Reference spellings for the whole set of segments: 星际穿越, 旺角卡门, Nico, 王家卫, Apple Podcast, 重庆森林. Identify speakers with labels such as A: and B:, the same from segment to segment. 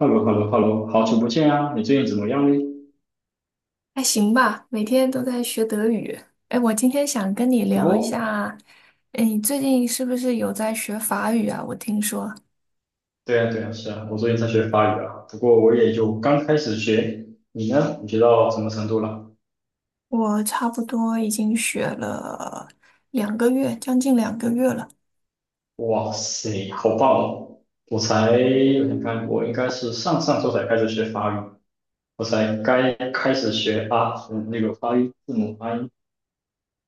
A: 哈喽哈喽哈喽，好久不见啊！你最近怎么样呢？
B: 还行吧，每天都在学德语。哎，我今天想跟你聊一
A: 哦，
B: 下，哎，你最近是不是有在学法语啊？我听说
A: 对啊，对啊，是啊，我最近在学法语啊，不过我也就刚开始学。你呢？你学到什么程度了？
B: 我差不多已经学了两个月，将近2个月了。
A: 哇塞，好棒哦！我才，我想看，我应该是上上周才开始学法语，我才该开始学啊。嗯那个发音字母发音。然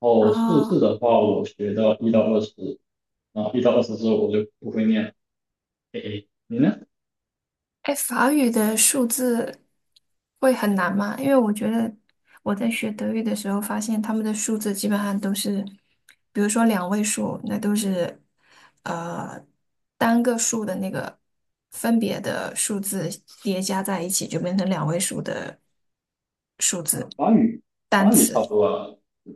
A: 后数字
B: 啊。
A: 的话，我学到一到二十，然后一到二十之后我就不会念了。诶诶，你呢？
B: 哎，法语的数字会很难吗？因为我觉得我在学德语的时候，发现他们的数字基本上都是，比如说两位数，那都是呃单个数的那个分别的数字叠加在一起，就变成两位数的数字
A: 法语，
B: 单
A: 法语
B: 词。
A: 差不多啊。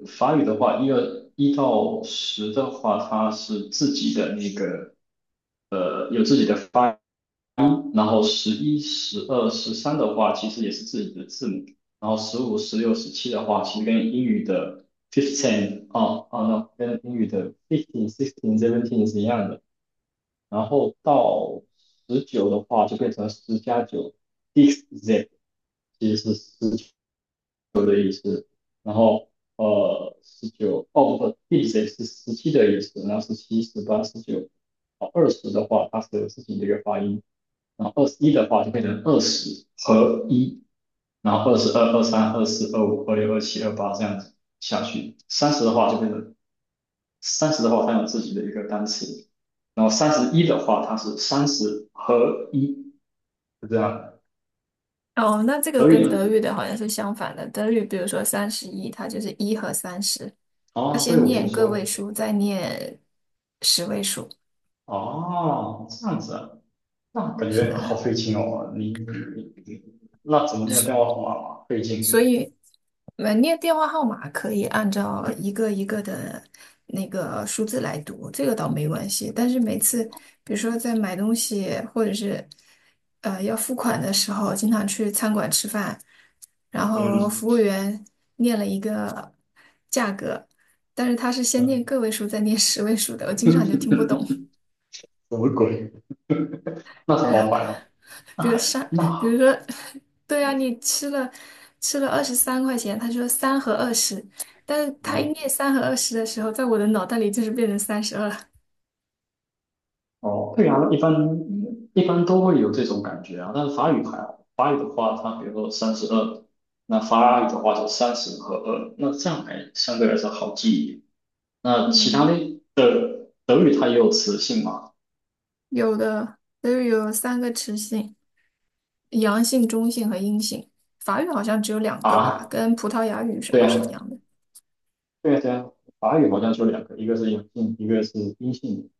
A: 法语的话，一到十的话，它是自己的那个，有自己的发音，然后十一、十二、十三的话，其实也是自己的字母，然后十五、十六、十七的话，其实跟英语的 fifteen 啊啊那跟英语的 fifteen、sixteen、seventeen 是一样的。然后到十九的话，就变成十加九 s i x z，其实是十。九的意思，然后十九，哦不，第十是十七的意思，然后十七、十八、十九，二十的话它是自己的一个发音，然后二十一的话就变成二十和一，然后二十二、二三、二四、二五、二六、二七、二八这样子下去，三十的话它有自己的一个单词，然后三十一的话它是三十和一，就这样。
B: 哦，那这个
A: 德以
B: 跟
A: 呢？
B: 德语的好像是相反的。德语比如说31，它就是一和三十，它
A: 哦，这
B: 先
A: 个我听
B: 念个
A: 说
B: 位
A: 了。
B: 数，再念十位数。
A: 哦，这样子啊。那感
B: 是
A: 觉好
B: 的，
A: 费劲哦，你那怎么没有电话号码嘛？费
B: 所
A: 劲，
B: 以门店电话号码可以按照一个一个的那个数字来读，这个倒没关系。但是每次，比如说在买东西或者是要付款的时候，经常去餐馆吃饭，然后服
A: 嗯，
B: 务员念了一个价格，但是他是先念个位数再念十位数的，我经常就
A: 嗯
B: 听不懂。
A: 什么鬼？那 是
B: 对
A: 好
B: 啊，
A: 烦哦，那
B: 比如
A: 还
B: 上，比如
A: 那
B: 说，对啊，你吃了23块钱，他说三和二十，但是他一
A: 嗯
B: 念三和二十的时候，在我的脑袋里就是变成32了。
A: 哦，对啊，一般都会有这种感觉啊，但是法语还好，法语的话，它比如说三十二，那法语的话是三十和二，那这样还相对来说好记一点。那其他
B: 嗯，
A: 的德语它也有词性吗？
B: 有的，都有3个词性，阳性、中性和阴性。法语好像只有两个吧，
A: 啊，
B: 跟葡萄牙语什
A: 对
B: 么是一
A: 啊，
B: 样的。
A: 对啊对啊，法语好像就两个，一个是阳性，一个是阴性，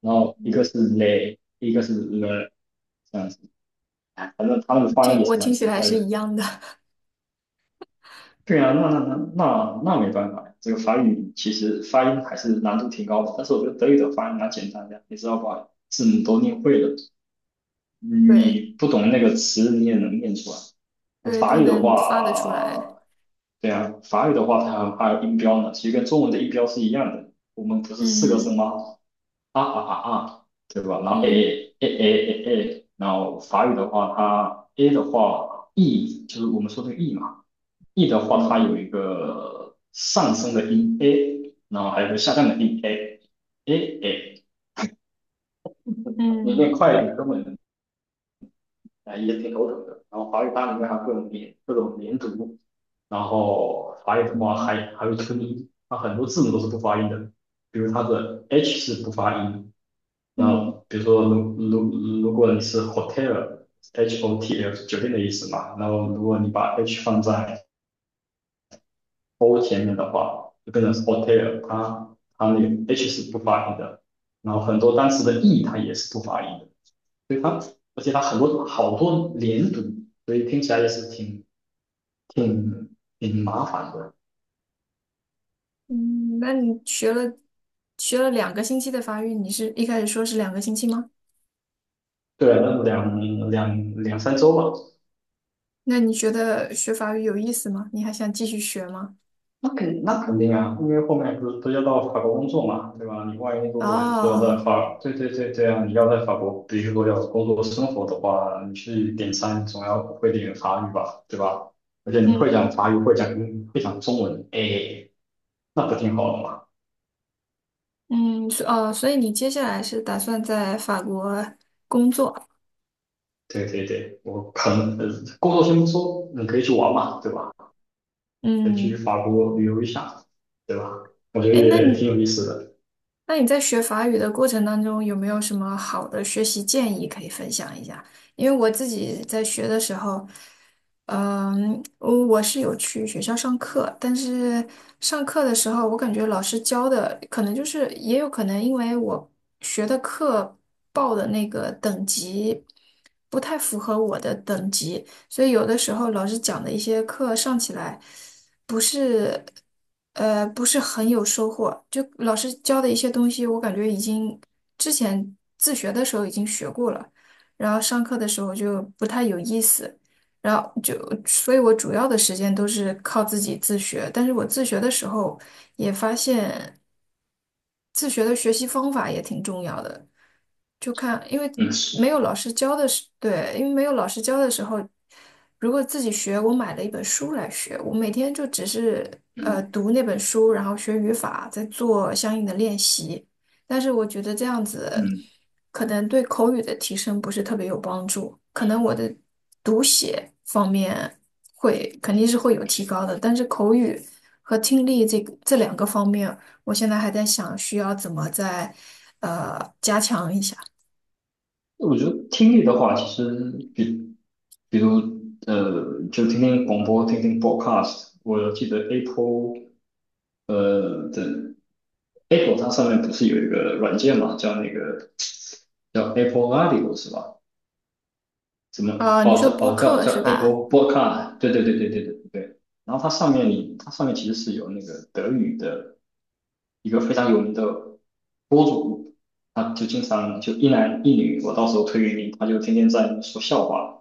A: 然后一个是 le，一个是 le，这样子。哎反正他们的发音也
B: 我
A: 是蛮
B: 听起
A: 奇
B: 来
A: 怪
B: 是一
A: 的。
B: 样的，
A: 对啊，那没办法呀，这个法语其实发音还是难度挺高的，但是我觉得德语的发音蛮简单的，你只要把字母都念会了，
B: 对
A: 你不懂那个词你也能念出来。
B: 对，
A: 法
B: 都
A: 语的
B: 能发得出来。
A: 话，对啊，法语的话它还有音标呢，其实跟中文的音标是一样的。我们不是四个声吗？啊啊啊啊，对吧？然后
B: 嗯
A: A A A A A A，然后法语的话，它 A 的话，E 就是我们说的 E 嘛，E 的话，它
B: 嗯
A: 有一个上升的音 A，然后还有一个下降的音 A A A，你念
B: 嗯
A: 快一点根本啊也挺头疼的。然后法语它里面还有各种连读，然后法语的话
B: 嗯嗯。
A: 还有吞音，它很多字母都是不发音的。比如它的 H 是不发音，
B: 嗯
A: 那
B: 嗯
A: 比如说如果你是 hotel，H O T L 是酒店的意思嘛，然后如果你把 H 放在 O 前面的话，就变成是 hotel，它那个 H 是不发音的，然后很多单词的 E 它也是不发音的，所以它而且它很多好多连读，所以听起来也是挺麻烦的。
B: 嗯，那你学了两个星期的法语，你是一开始说是两个星期吗？
A: 对啊，那两两两三周吧。
B: 那你觉得学法语有意思吗？你还想继续学吗？
A: 那肯那肯定啊，因为后面不是都要到法国工作嘛，对吧？你万一如果是要在
B: 哦，
A: 法，对对对对啊，这样你要在法国，比如说要工作生活的话，你去点餐总要会点法语吧，对吧？而且你会
B: 嗯
A: 讲法语，会讲中文，哎，那不挺好的吗？
B: 嗯，所以你接下来是打算在法国，
A: 对对对，我可能工作先不说，你可以去玩嘛，对吧？可以去
B: 嗯，
A: 法国旅游一下，对吧？我觉得
B: 哎，
A: 也挺有意思的。
B: 那你在学法语的过程当中，有没有什么好的学习建议可以分享一下？因为我自己在学的时候，嗯，我是有去学校上课，但是上课的时候，我感觉老师教的可能就是，也有可能因为我学的课报的那个等级不太符合我的等级，所以有的时候老师讲的一些课上起来。不是，不是很有收获。就老师教的一些东西，我感觉已经之前自学的时候已经学过了，然后上课的时候就不太有意思，然后就，所以我主要的时间都是靠自己自学。但是我自学的时候也发现，自学的学习方法也挺重要的。就看，因为
A: 嗯，
B: 没
A: 是，
B: 有老师教的时，对，因为没有老师教的时候，如果自己学，我买了一本书来学，我每天就只是
A: 嗯
B: 读那本书，然后学语法，再做相应的练习。但是我觉得这样子
A: 嗯。
B: 可能对口语的提升不是特别有帮助，可能我的读写方面会肯定是会有提高的，但是口语和听力这个这两个方面，我现在还在想需要怎么再加强一下。
A: 我觉得听力的话，其实比如，就听听广播，听听 podcast a。我记得 呃的 Apple 它上面不是有一个软件嘛，叫那个叫 Apple Audio 是吧？怎么
B: 啊，你
A: 哦
B: 说
A: 叫
B: 播
A: 哦叫
B: 客
A: 叫
B: 是吧？
A: Apple Podcast？对对对对对对对。然后它上面其实是有那个德语的一个非常有名的播主，他就经常就一男一女，我到时候推给你，他就天天在说笑话。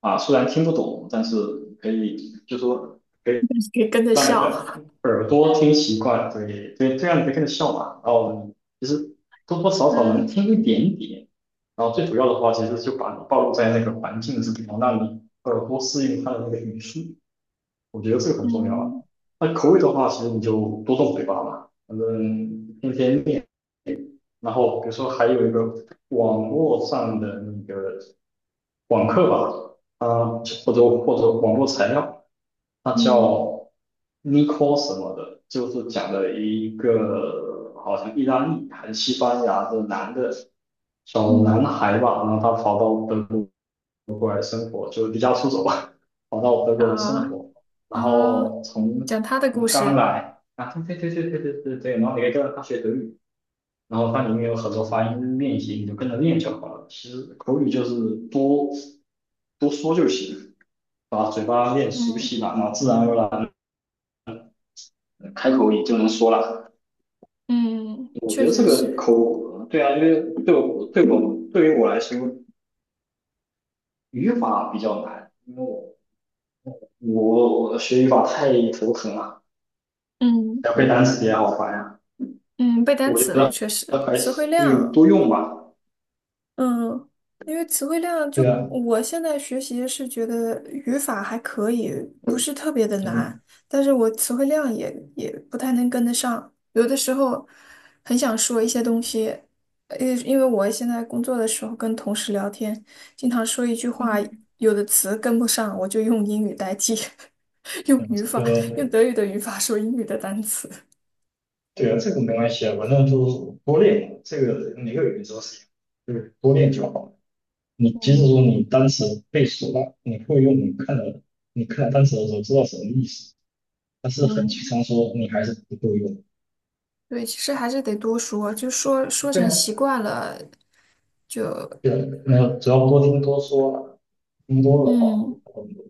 A: 啊，虽然听不懂，但是可 以
B: 你可以跟着
A: 让你
B: 笑。
A: 的耳朵听习惯，对对，这样你可以跟着笑嘛。然后其实多多少少能
B: 嗯
A: 听一点点，然后最主要的话，其实就把你暴露在那个环境是之中，让你耳朵适应它的那个语速，我觉得这个很重要啊。
B: 嗯
A: 那口语的话，其实你就多动嘴巴嘛，反正天天练。然后比如说还有一个网络上的那个网课吧，啊，或者网络材料。他
B: 嗯
A: 叫 Nico 什么的，就是讲的一个好像意大利还是西班牙的男的小男
B: 嗯，
A: 孩吧，然后他跑到德国过来生活，就离家出走吧，跑到德国来生
B: 啊
A: 活，然
B: 啊，
A: 后从
B: 讲他的故
A: 从刚
B: 事。
A: 来啊，对对对对对对对对，然后你可以跟着他学德语，然后它里面有很多发音练习，你就跟着练就好了。其实口语就是多多说就行，把嘴巴练熟
B: 嗯
A: 悉了，然后自然而然。开口也就能说了。
B: 嗯，
A: 我
B: 确
A: 觉得这
B: 实
A: 个
B: 是。
A: 口呃对啊，因为对我对我对于我来说，语法比较难，因为我学语法太头疼了，
B: 嗯
A: 要背单词也好烦呀、啊
B: 嗯，背单
A: 我觉
B: 词也
A: 得
B: 确实，
A: 还
B: 词汇
A: 是
B: 量
A: 多用吧。
B: 嗯，因为词汇量就
A: 对啊，
B: 我现在学习是觉得语法还可以，不
A: 嗯
B: 是特别的难，
A: 嗯
B: 但是我词汇量也不太能跟得上，有的时候很想说一些东西，因为我现在工作的时候跟同事聊天，经常说一句话，
A: 嗯，
B: 有的词跟不上，我就用英语代替，用
A: 这
B: 语法，用
A: 个
B: 德语的语法说英语的单词。
A: 对啊，这个没关系啊，反正就是多练嘛，这个每个语言都是一样，就是多练就好了。你即使
B: 嗯
A: 说你单词背熟了，你会用，你看了单词的时候知道什么意思。但是很提
B: 嗯，
A: 倡说你还是不够用，
B: 对，其实还是得多说，就说说
A: 对
B: 成
A: 啊，
B: 习惯了。就。
A: 对，没有，主要多听多说了，听多了话会
B: 嗯
A: 好很多。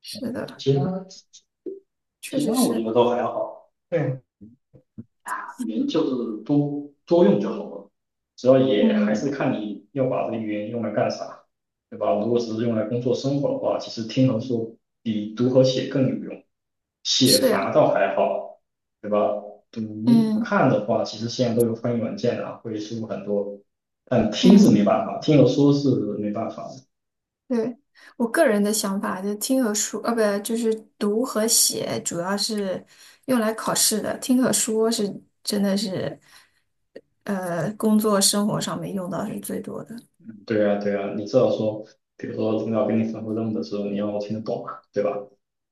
B: 是的，
A: 其他
B: 确
A: 其
B: 实
A: 他我
B: 是，
A: 觉得都还好，对，语言就是多多用就好了，主要也还
B: 嗯
A: 是看你要把这个语言用来干啥，对吧？如果只是用来工作生活的话，其实听和说比读和写更有用。写
B: 是
A: 法
B: 呀，
A: 倒还好，对吧？读
B: 嗯
A: 看的话，其实现在都有翻译软件啊，会舒服很多。但听是没
B: 嗯
A: 办法，听和说是没办法的。
B: 对，我个人的想法，就听和说，呃，不，就是读和写，主要是用来考试的，听和说是真的是，呃，工作生活上面用到是最多的。
A: 对啊，对啊，你至少说，比如说领导给你吩咐任务的时候，你要听得懂啊，对吧？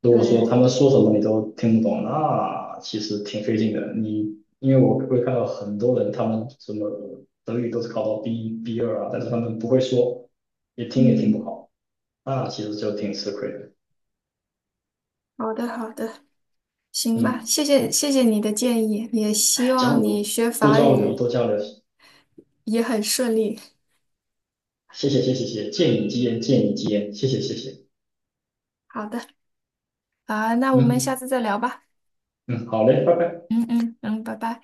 A: 如果说他
B: 对，
A: 们说什么你都听不懂，那其实挺费劲的。因为我会看到很多人，他们什么德语都是考到 B 二啊，但是他们不会说，也听不
B: 嗯，
A: 好，那其实就挺吃亏的。
B: 好的，好的，行吧，
A: 嗯。
B: 谢谢，谢谢你的建议，也希
A: 交
B: 望你
A: 流，
B: 学
A: 多
B: 法
A: 交流，
B: 语
A: 多交流。
B: 也很顺利。
A: 谢谢，谢谢，谢谢，见你吉言，见你吉言，谢谢，谢谢。
B: 好的，啊，那我们下
A: 嗯
B: 次再聊吧。
A: 嗯，好嘞，拜拜。
B: 嗯嗯嗯，拜拜。